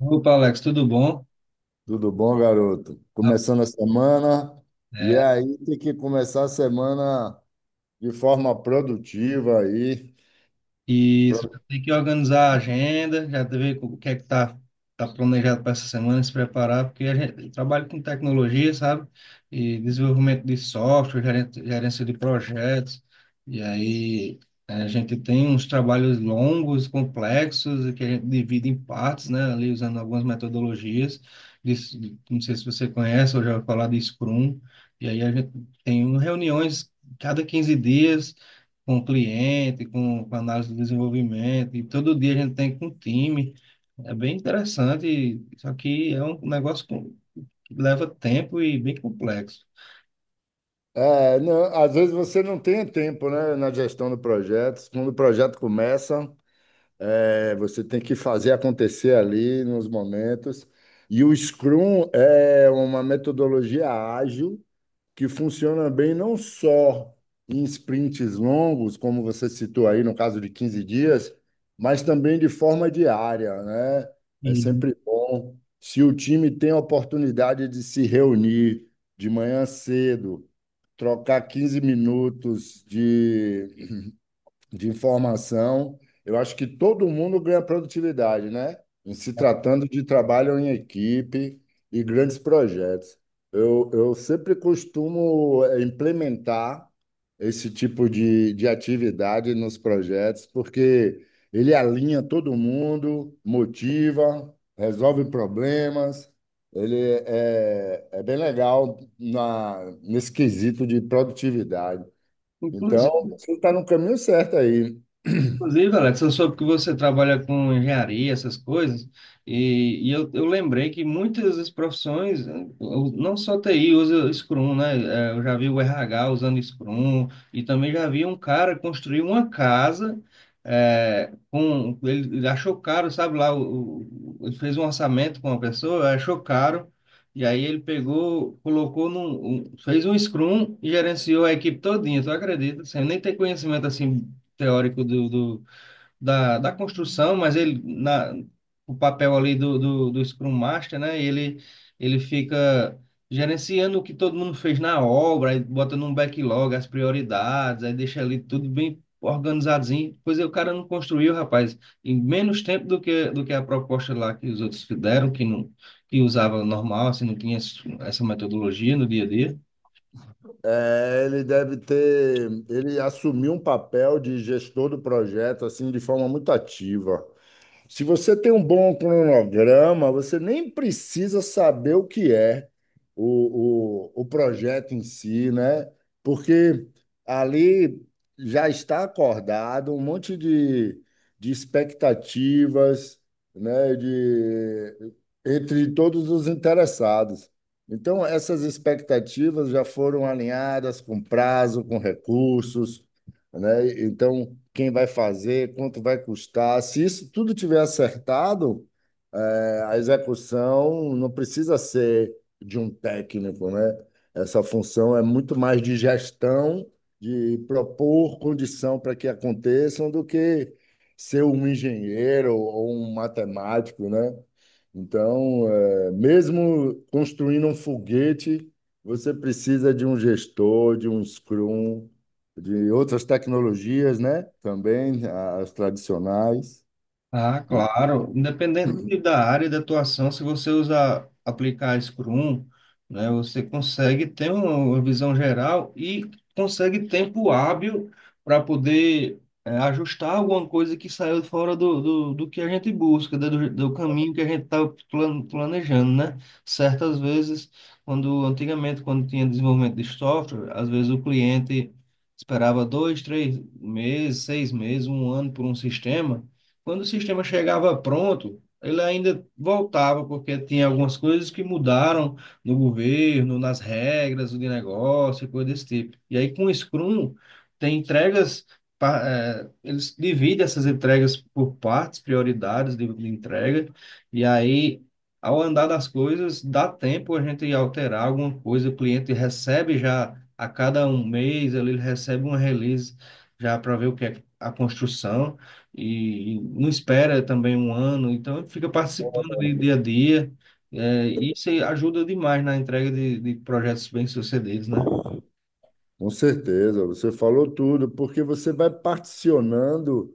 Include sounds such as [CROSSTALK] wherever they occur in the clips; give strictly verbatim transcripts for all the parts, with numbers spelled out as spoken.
Opa, Alex, tudo bom? Tudo bom, garoto? Ah, Começando a semana, e é, aí tem que começar a semana de forma produtiva aí. isso, já Pro- tem que organizar a agenda, já ver o que é que tá, tá planejado para essa semana, se preparar, porque a gente trabalha com tecnologia, sabe? E desenvolvimento de software, gerente- gerência de projetos, e aí é, a gente tem uns trabalhos longos, complexos, e que a gente divide em partes, né? Ali usando algumas metodologias, de, não sei se você conhece, eu já ouvi falar de Scrum, e aí a gente tem um reuniões cada quinze dias, com o cliente, com, com análise de desenvolvimento, e todo dia a gente tem com o time. É bem interessante, só que é um negócio com- que leva tempo e bem complexo. É, não, às vezes você não tem tempo, né, na gestão do projeto. Quando o projeto começa, é, você tem que fazer acontecer ali nos momentos. E o Scrum é uma metodologia ágil que funciona bem não só em sprints longos, como você citou aí no caso de quinze dias, mas também de forma diária, né? É e sempre bom se o time tem a oportunidade de se reunir de manhã cedo, trocar quinze minutos de de informação. Eu acho que todo mundo ganha produtividade, né? Em se tratando de trabalho em equipe e grandes projetos. Eu, eu sempre costumo eh, implementar esse tipo de, de atividade nos projetos, porque ele alinha todo mundo, motiva, resolve problemas. Ele é, é bem legal na, nesse quesito de produtividade. Inclusive, Então, você está no caminho certo aí. Inclusive, Alex, eu soube que você trabalha com engenharia, essas coisas, e, e eu, eu lembrei que muitas das profissões, eh, o- não só T I usa Scrum, né? Eh, Eu já vi o R H usando Scrum, e também já vi um cara construir uma casa, eh, com, ele ele achou caro, sabe lá, o, o- ele fez um orçamento com uma pessoa, achou caro, e aí ele pegou, colocou num, um- fez um Scrum e gerenciou a equipe todinha, tu acredita? Sem nem ter conhecimento assim teórico do, do- da, da construção, mas ele na o papel ali do, do, do Scrum Master, né? Ele ele fica gerenciando o que todo mundo fez na obra, aí bota num backlog as prioridades, aí deixa ali tudo bem organizadinho. Pois é, o cara não construiu, rapaz, em menos tempo do que do que a proposta lá que os outros fizeram, que não que usava normal, assim, não tinha esse- essa metodologia no dia a dia. É, ele deve ter, ele assumiu um papel de gestor do projeto assim de forma muito ativa. Se você tem um bom cronograma, você nem precisa saber o que é o, o, o projeto em si, né? Porque ali já está acordado um monte de, de expectativas, né? De, entre todos os interessados. Então, essas expectativas já foram alinhadas com prazo, com recursos, né? Então, quem vai fazer, quanto vai custar? Se isso tudo tiver acertado, eh, a execução não precisa ser de um técnico, né? Essa função é muito mais de gestão, de propor condição para que aconteçam, do que ser um engenheiro ou um matemático, né? Então, eh, mesmo construindo um foguete, você precisa de um gestor, de um scrum, de outras tecnologias, né? Também as tradicionais. Ah, claro. Independente da área de atuação, se você usar, aplicar Scrum, né, você consegue ter um, uma visão geral e consegue tempo hábil para poder eh, ajustar alguma coisa que saiu fora do, do, do que a gente busca, né, do, do caminho que a gente está planejando, né? Certas vezes, quando antigamente, quando tinha desenvolvimento de software, às vezes o cliente esperava dois, três meses, seis meses, um ano por um sistema. Quando o sistema chegava pronto, ele ainda voltava, porque tinha algumas coisas que mudaram no governo, nas regras de negócio, e coisa desse tipo. E aí, com o Scrum, tem entregas, pa- eh, eles dividem essas entregas por partes, prioridades de, de entrega, e aí, ao andar das coisas, dá tempo a gente alterar alguma coisa, o cliente recebe já a cada um mês, ele recebe uma release já para ver o que é a construção e, e não espera também um ano, então fica participando de dia a dia, é, e isso aí ajuda demais na entrega de, de projetos bem-sucedidos, né? Com certeza, você falou tudo, porque você vai particionando.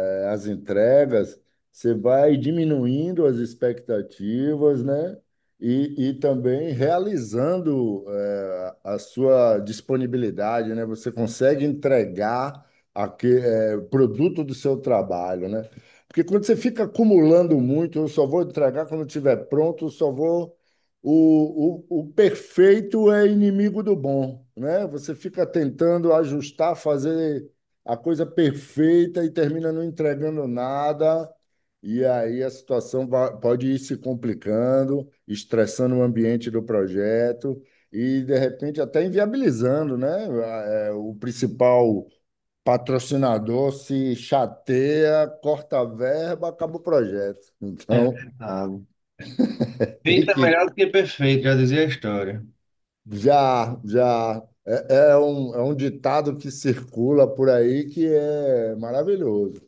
eh, As entregas, você vai diminuindo as expectativas, né? E, e também realizando eh, a sua disponibilidade, né? Você consegue entregar aque eh, o produto do seu trabalho, né? Porque quando você fica acumulando muito, eu só vou entregar quando estiver pronto, eu só vou. O, o, o perfeito é inimigo do bom, né? Você fica tentando ajustar, fazer a coisa perfeita e termina não entregando nada. E aí a situação va- pode ir se complicando, estressando o ambiente do projeto e, de repente, até inviabilizando, né? A- é, O principal patrocinador se chateia, corta a verba, acaba o projeto. É Então, verdade. [LAUGHS] tem Feito é que melhor do que perfeito, já dizia a história. já, já. É, é um, é um ditado que circula por aí que é maravilhoso.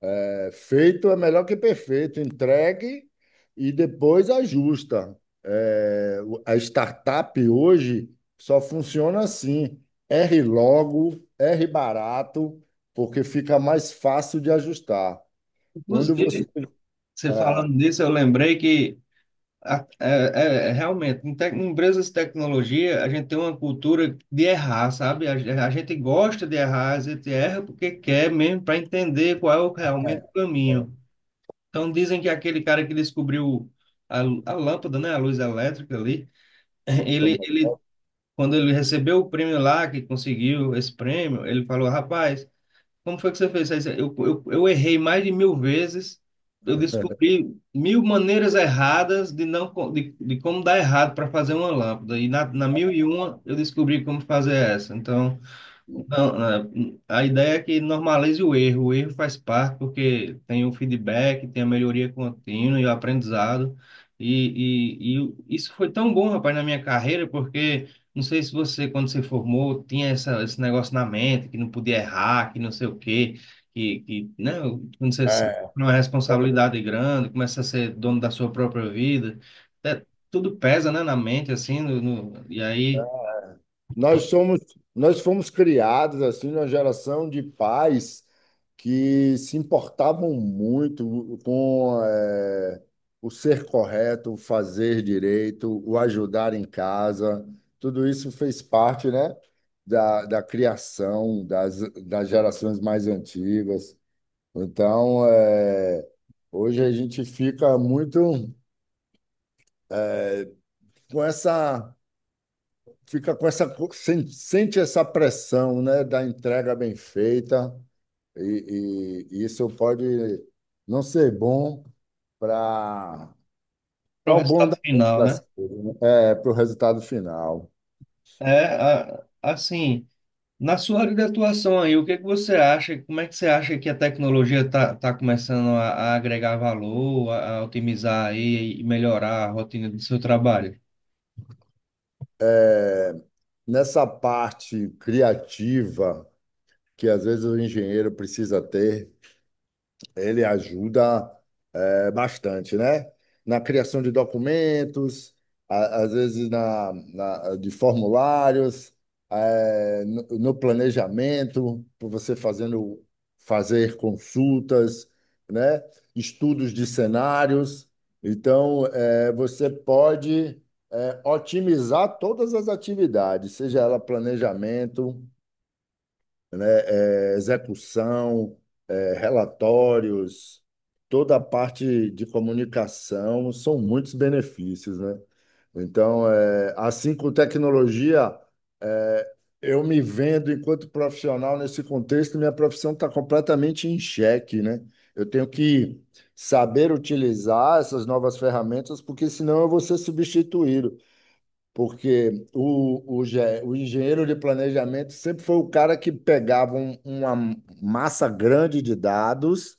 É, feito é melhor que perfeito. Entregue e depois ajusta. É, o- a startup hoje só funciona assim: erre logo, erre barato, porque fica mais fácil de ajustar. Quando você. Inclusive, você É, falando disso, eu lembrei que a- é, é- é realmente, em, tec- em empresas de tecnologia, a gente tem uma cultura de errar, sabe? A, ge- a gente gosta de errar, a gente erra porque quer mesmo para entender qual é o, realmente o caminho. Então dizem que aquele cara que descobriu a, a lâmpada, né, a luz elétrica ali, [LAUGHS] ele, toma- ele quando ele recebeu o prêmio lá, que conseguiu esse prêmio, ele falou, rapaz, como foi que você fez isso? Eu, eu, eu errei mais de mil vezes, eu descobri mil maneiras erradas de não co- de, de como dar errado para fazer uma lâmpada e na, na mil e uma eu descobri como fazer essa. Então não, né, a ideia é que normalize o erro. O erro faz parte porque tem o feedback, tem a melhoria contínua e o aprendizado. E, e, e isso foi tão bom, rapaz, na minha carreira, porque não sei se você, quando se formou, tinha essa, esse negócio na mente, que não podia errar, que não sei o quê, que, que né, quando você sabe é, que é uma responsabilidade grande, começa a ser dono da sua própria vida, é, tudo pesa, né, na mente, assim, no, no- e aí, Nós somos, nós fomos criados assim numa geração de pais que se importavam muito com eh, o ser correto, o fazer direito, o ajudar em casa. Tudo isso fez parte, né, da, da criação das, das gerações mais antigas. Então, eh, hoje a gente fica muito é, com essa fica com essa sen- sente essa pressão, né, da entrega bem feita e, e isso pode não ser bom para para para o o bom resultado da- final, das né? coisas, né? É, para o resultado final. É, a- assim, na sua área de atuação aí, o que é que você acha? Como é que você acha que a tecnologia está tá tá começando a, a agregar valor, a, a otimizar aí e melhorar a rotina do seu trabalho? É, nessa parte criativa que às vezes o engenheiro precisa ter. Ele ajuda eh, bastante, né? Na criação de documentos, a- às vezes na, na- de formulários, eh, no, no planejamento, por você fazendo fazer consultas, né? Estudos de cenários. Então, eh, você pode eh, otimizar todas as atividades, seja ela planejamento, né, é, execução, é, relatórios, toda a parte de comunicação, são muitos benefícios, né? Então, é, assim com tecnologia, é, eu me vendo enquanto profissional nesse contexto, minha profissão está completamente em xeque, né? Eu tenho que saber utilizar essas novas ferramentas, porque senão eu vou ser substituído porque o, o, ge- o engenheiro de planejamento sempre foi o cara que pegava um- uma massa grande de dados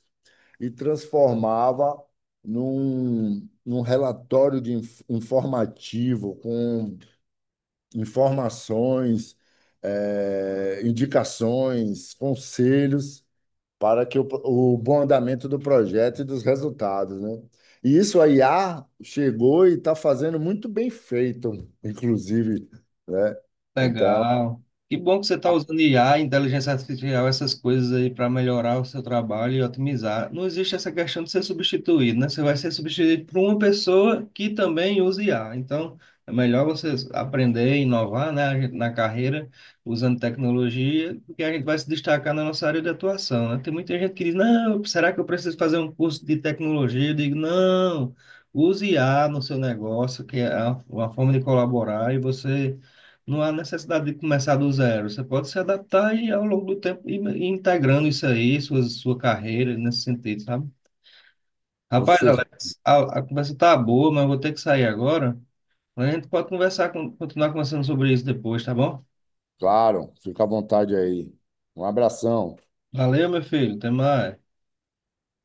e transformava num, num relatório de inf- informativo com informações, eh, indicações, conselhos para que o, o bom andamento do projeto e dos resultados, né? E isso a I A chegou e está fazendo muito bem feito, inclusive, né? Então, Legal. Que bom que você está usando I A, inteligência artificial, essas coisas aí para melhorar o seu trabalho e otimizar. Não existe essa questão de ser substituído, né? Você vai ser substituído por uma pessoa que também usa I A. Então, é melhor você aprender e inovar, né, a gente- na carreira, usando tecnologia, porque a gente vai se destacar na nossa área de atuação, né? Tem muita gente que diz, não, será que eu preciso fazer um curso de tecnologia? Eu digo, não, use I A no seu negócio, que é uma uma forma de colaborar e você não há necessidade de começar do zero. Você pode se adaptar e ao longo do tempo ir ir integrando isso aí, sua, sua carreira nesse sentido, sabe? Rapaz, você, Alex, a, a conversa tá boa, mas eu vou ter que sair agora. A gente pode conversar, con- continuar conversando sobre isso depois, tá bom? claro, fica à vontade aí. Um abração. Valeu, meu filho. Até mais.